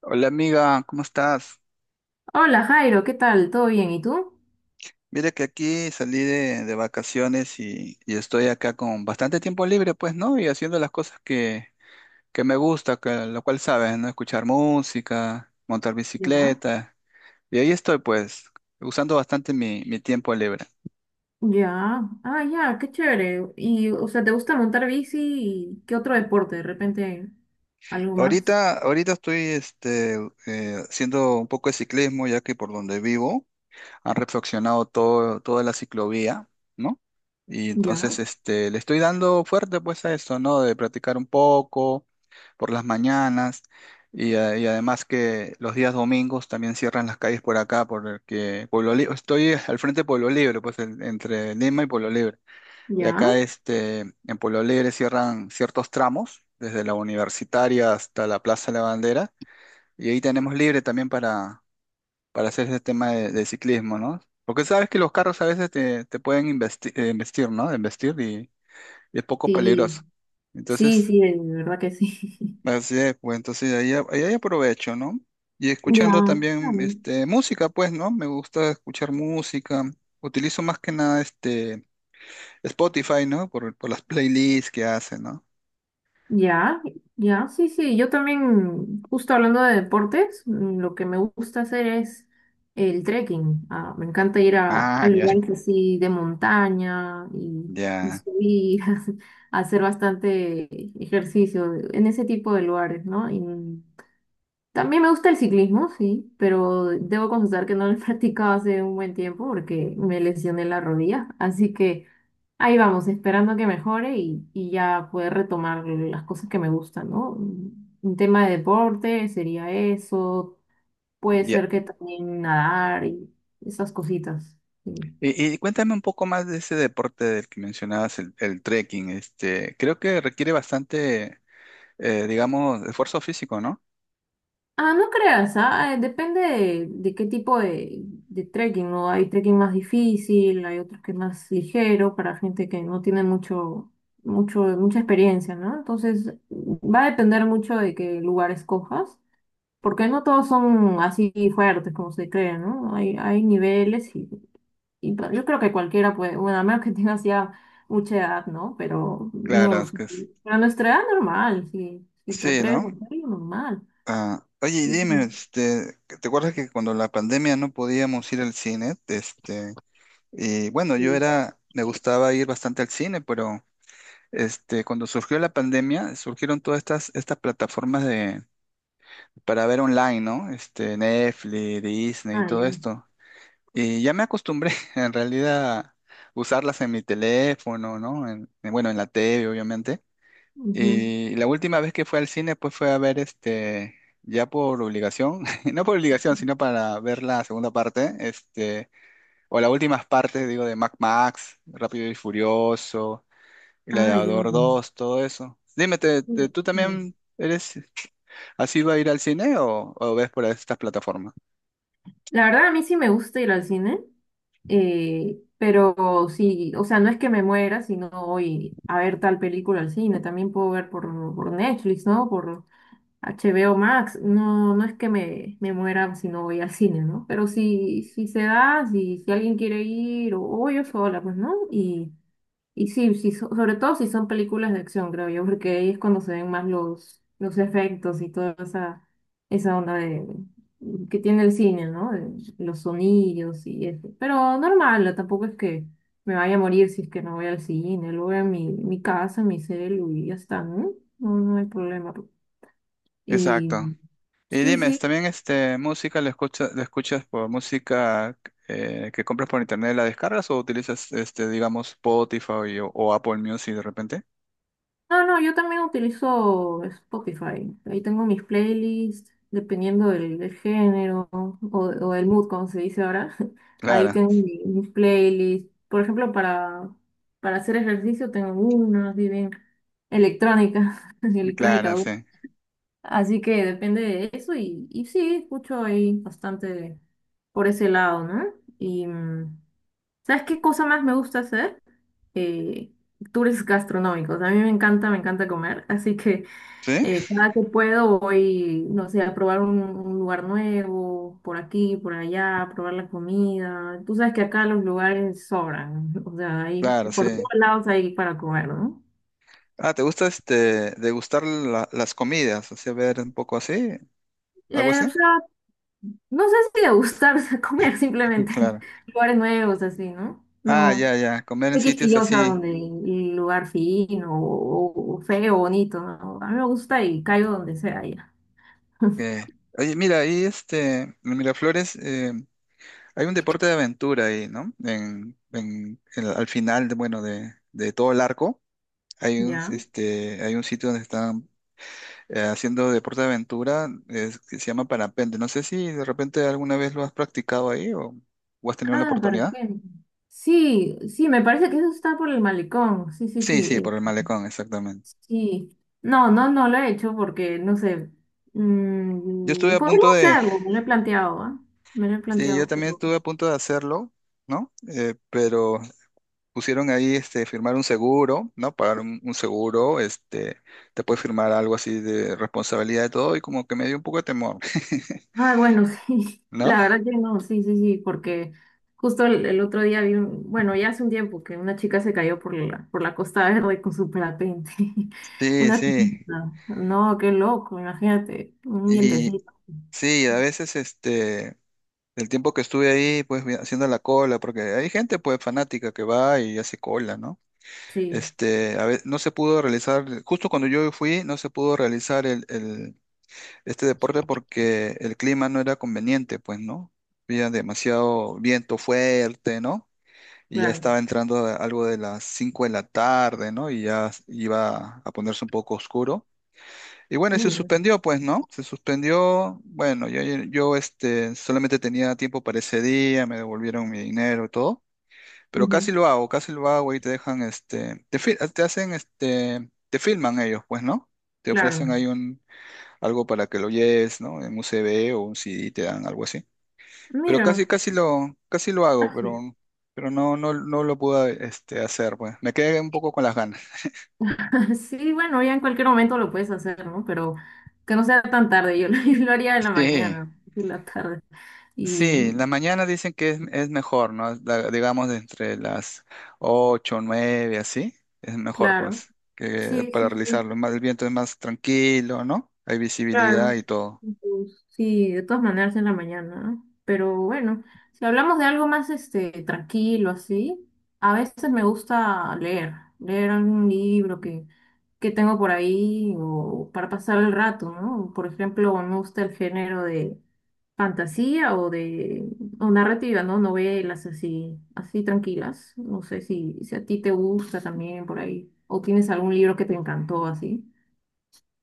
Hola amiga, ¿cómo estás? Hola Jairo, ¿qué tal? ¿Todo bien? ¿Y tú? Mira que aquí salí de vacaciones y estoy acá con bastante tiempo libre, pues, ¿no? Y haciendo las cosas que me gusta, que, lo cual sabes, ¿no? Escuchar música, montar Ya. bicicleta. Y ahí estoy, pues, usando bastante mi tiempo libre. Ya, ah, ya, qué chévere. Y, o sea, ¿te gusta montar bici y qué otro deporte? De repente, algo más. Ahorita estoy haciendo un poco de ciclismo, ya que por donde vivo han reflexionado toda la ciclovía, ¿no? Y entonces Ya, este, le estoy dando fuerte pues a eso, ¿no? De practicar un poco por las mañanas y además que los días domingos también cierran las calles por acá, porque Pueblo Libre, estoy al frente de Pueblo Libre, pues entre Lima y Pueblo Libre. Y ya. acá este, en Pueblo Libre cierran ciertos tramos, desde la universitaria hasta la Plaza de la Bandera, y ahí tenemos libre también para hacer ese tema de ciclismo, ¿no? Porque sabes que los carros a veces te pueden investir, ¿no? Investir y es poco peligroso. Sí, sí, Entonces, sí, de verdad que sí. así es, pues entonces ahí hay aprovecho, ¿no? Y Ya. escuchando Ah, también este, música, pues, ¿no? Me gusta escuchar música. Utilizo más que nada este Spotify, ¿no? Por las playlists que hace, ¿no? ya, ya, sí, sí. Yo también, justo hablando de deportes, lo que me gusta hacer es el trekking. Ah, me encanta ir a Ah, lugares así de montaña y ya, subir, a hacer bastante ejercicio en ese tipo de lugares, ¿no? Y también me gusta el ciclismo, sí, pero debo confesar que no lo he practicado hace un buen tiempo porque me lesioné la rodilla. Así que ahí vamos, esperando que mejore y ya poder retomar las cosas que me gustan, ¿no? Un tema de deporte sería eso, puede ya. ser que también nadar y esas cositas. Sí. Y cuéntame un poco más de ese deporte del que mencionabas, el trekking. Este, creo que requiere bastante digamos, esfuerzo físico, ¿no? Ah, no creas, depende de qué tipo de trekking, ¿no? Hay trekking más difícil, hay otros que es más ligero para gente que no tiene mucha experiencia, ¿no? Entonces, va a depender mucho de qué lugar escojas. Porque no todos son así fuertes como se creen, ¿no? Hay niveles y yo creo que cualquiera puede, bueno, a menos que tengas ya mucha edad, ¿no? Pero Claro, no, es que es- a nuestra edad normal, si te Sí, atreves a ¿no? hacerlo, normal. Ah, oye, y Sí, dime, sí, este, ¿te acuerdas que cuando la pandemia no podíamos ir al cine? Este, y bueno, yo sí. era, me gustaba ir bastante al cine, pero este, cuando surgió la pandemia, surgieron estas plataformas de, para ver online, ¿no? Este, Netflix, Disney y Ah, todo ya. esto. Y ya me acostumbré, en realidad, a usarlas en mi teléfono, ¿no? Bueno, en la TV, obviamente. Ujú. Y la última vez que fue al cine, pues fue a ver este, ya por obligación, no por obligación, sino para ver la segunda parte, este, o las últimas partes, digo, de Mad Max, Rápido y Furioso, Ah, ya. Gladiador dos todo eso. Dime, Sí, tú sí. también eres así va a ir al cine o ves por estas plataformas? La verdad, a mí sí me gusta ir al cine, pero sí, o sea, no es que me muera, sino voy a ver tal película al cine, también puedo ver por Netflix, ¿no? Por HBO Max, no es que me muera si no voy al cine, ¿no? Pero si se da, si alguien quiere ir, o yo sola, pues, ¿no? Y sí, sí, sobre todo si son películas de acción, creo yo, porque ahí es cuando se ven más los efectos y toda esa onda de, que tiene el cine, ¿no? De los sonidos y eso. Pero normal, tampoco es que me vaya a morir si es que no voy al cine, lo veo en mi casa, en mi celu y ya está, ¿no? No, no hay problema. Y Exacto. Y sí, dime, sí. ¿también este, música la escuchas por música que compras por internet, la descargas o utilizas, este, digamos, Spotify o Apple Music de repente? No, no, yo también utilizo Spotify. Ahí tengo mis playlists, dependiendo del género o del mood, como se dice ahora. Ahí Clara, tengo mis playlists. Por ejemplo, para hacer ejercicio tengo una, así bien electrónica, electrónica clara, dura. sí. Así que depende de eso y sí, escucho ahí bastante por ese lado, ¿no? Y ¿sabes qué cosa más me gusta hacer? eh, tours gastronómicos. A mí me encanta comer, así que ¿Sí? Cada que puedo voy, no sé, a probar un lugar nuevo, por aquí, por allá, a probar la comida. Tú sabes que acá los lugares sobran, o sea, hay, Claro, sí. por todos lados hay para comer, ¿no? Ah, ¿te gusta este, degustar las comidas? O sea, ver un poco así, algo Eh, así. o sea, no sé si de gustar, o sea, comer simplemente Claro. lugares nuevos, así, ¿no? Ah, No. ya, ya, comer en No sitios quisquillosa así. donde el lugar fino o feo, bonito, ¿no? A mí me gusta y caigo donde sea ya. que- Oye, mira, ahí este, en Miraflores hay un deporte de aventura ahí, ¿no? Al final, de, bueno, de todo el arco, hay un, Ya. este, hay un sitio donde están haciendo deporte de aventura, que se llama parapente. No sé si de repente alguna vez lo has practicado ahí o has tenido la Ah, oportunidad. perfecto. Sí, sí, me parece que eso está por el malecón. Sí, sí, Sí, sí. sí, eh, por el malecón, exactamente. sí. No, no, no lo he hecho porque, no sé. Yo estuve mm, a podría punto de, hacerlo, me lo he planteado, ¿ah? Me lo he sí, yo planteado, también pero. estuve a punto de hacerlo, ¿no? Pero pusieron ahí este, firmar un seguro, ¿no? Pagar un seguro, este, te puede firmar algo así de responsabilidad de todo y como que me dio un poco de temor, Ah, bueno, sí. ¿no? La verdad que no, sí, sí, sí, porque justo el otro día vi un, bueno, ya hace un tiempo que una chica se cayó por la Costa Verde con su parapente. Sí, Una sí. turista. No, qué loco, imagínate, un Y vientecito. sí, a veces este, el tiempo que estuve ahí, pues haciendo la cola, porque hay gente pues fanática que va y hace cola, ¿no? Sí, Este, no se pudo realizar, justo cuando yo fui, no se pudo realizar este deporte porque el clima no era conveniente, pues, ¿no? Había demasiado viento fuerte, ¿no? Y ya claro. estaba entrando algo de las 5 de la tarde, ¿no? Y ya iba a ponerse un poco oscuro. Y bueno, y se Uy, bueno. suspendió, pues, ¿no? Se suspendió. Bueno, yo este, solamente tenía tiempo para ese día, me devolvieron mi dinero y todo. Pero Ujú, casi lo hago y te dejan, este, te, te hacen, este, te filman ellos, pues, ¿no? Te claro. ofrecen ahí un, algo para que lo lleves, ¿no? En un CD o un CD te dan algo así. Pero Mira, casi lo hago, sí, pero no, no lo pude este, hacer, pues. Me quedé un poco con las ganas. Sí, bueno, ya en cualquier momento lo puedes hacer, ¿no? Pero que no sea tan tarde, yo lo, yo lo haría en la Sí, mañana, en la tarde. Y sí, la mañana dicen que es mejor, ¿no? Digamos entre las 8 9 así, es mejor, claro, pues, que sí, para sí, realizarlo. sí. Más, el viento es más tranquilo, ¿no? Hay visibilidad Claro, y todo. pues, sí, de todas maneras en la mañana, ¿no? Pero bueno, si hablamos de algo más tranquilo así, a veces me gusta leer, algún libro que tengo por ahí o para pasar el rato, ¿no? Por ejemplo, me gusta el género de fantasía o narrativa, ¿no? Novelas así, así tranquilas. No sé si a ti te gusta también por ahí o tienes algún libro que te encantó así.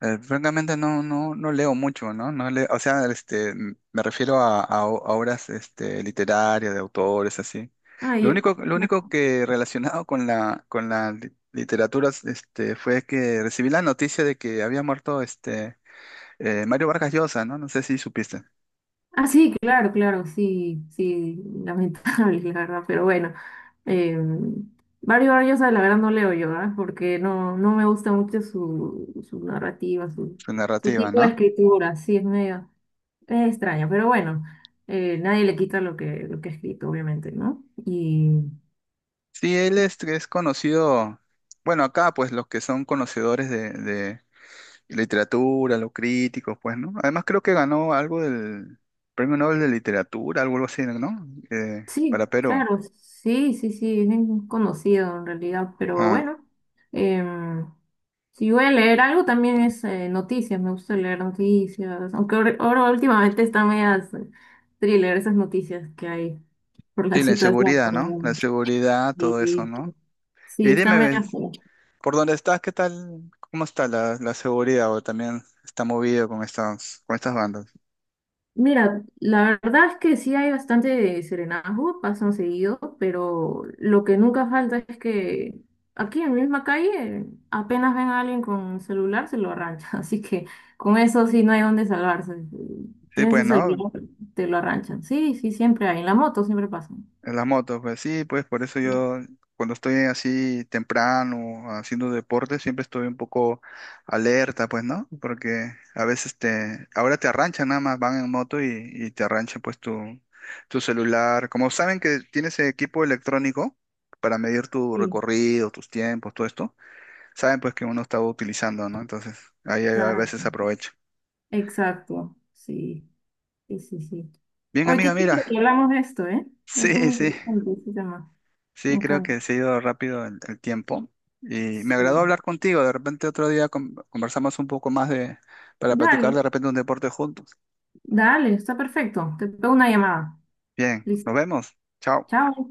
Francamente no, no leo mucho, ¿no? No leo, o sea, este, me refiero a, a obras este, literarias, de autores, así. Ah, ya. Lo único que relacionado con la literatura este, fue que recibí la noticia de que había muerto este, Mario Vargas Llosa, ¿no? No sé si supiste Ah, sí, claro, claro, sí, sí, lamentable, la verdad, pero bueno. Eh, Barry Barllosa, la verdad, no leo yo, ¿ah? Porque no me gusta mucho su narrativa, su, su su narrativa, tipo de ¿no? escritura, sí, es medio, es extraño, pero bueno, Nadie le quita lo que ha escrito, obviamente, ¿no? Sí, él es conocido, bueno, acá pues los que son conocedores de y literatura, los críticos, pues, ¿no? Además creo que ganó algo del Premio Nobel de Literatura, algo algo así, ¿no? Para Sí, Perú. claro, sí, sí, sí, es bien conocido en realidad, pero Ah, bueno, em, si voy a leer algo también es noticias, me gusta leer noticias, aunque ahora últimamente están medias thriller esas noticias que hay por la sí, la situación, inseguridad, pero ¿no? La bueno, seguridad, todo eso, y- ¿no? Y sí, están dime, medias. ¿ves? ¿Por dónde estás? ¿Qué tal? ¿Cómo está la, la seguridad? ¿O también está movido con estas bandas? Mira, la verdad es que sí hay bastante serenazgo, pasan seguido, pero lo que nunca falta es que aquí en la misma calle apenas ven a alguien con celular, se lo arranchan. Así que con eso sí no hay dónde salvarse. Sí, Tienes pues, el ¿no? celular, te lo arranchan. Sí, sí, siempre hay. En la moto siempre pasan. En las motos, pues sí, pues por eso yo cuando estoy así temprano haciendo deporte siempre estoy un poco alerta, pues, ¿no? Porque a veces te, ahora te arranchan nada más, van en moto y te arranchan pues tu celular. Como saben que tienes equipo electrónico para medir tu Sí, recorrido, tus tiempos, todo esto, saben pues que uno está utilizando, ¿no? Entonces ahí a exacto. veces aprovecho. Exacto. Sí, sí, sí, sí. Bien, Oye, amiga, qué chido que mira. hablamos de esto, ¿eh? Es muy Sí, sí. interesante ese tema. Me Sí, creo encanta. que se ha ido rápido el tiempo y me agradó Sí. hablar contigo. De repente otro día conversamos un poco más de, para Dale. platicar de repente un deporte juntos. Dale, está perfecto. Te pego una llamada. Bien, nos Listo. vemos. Chao. Chao.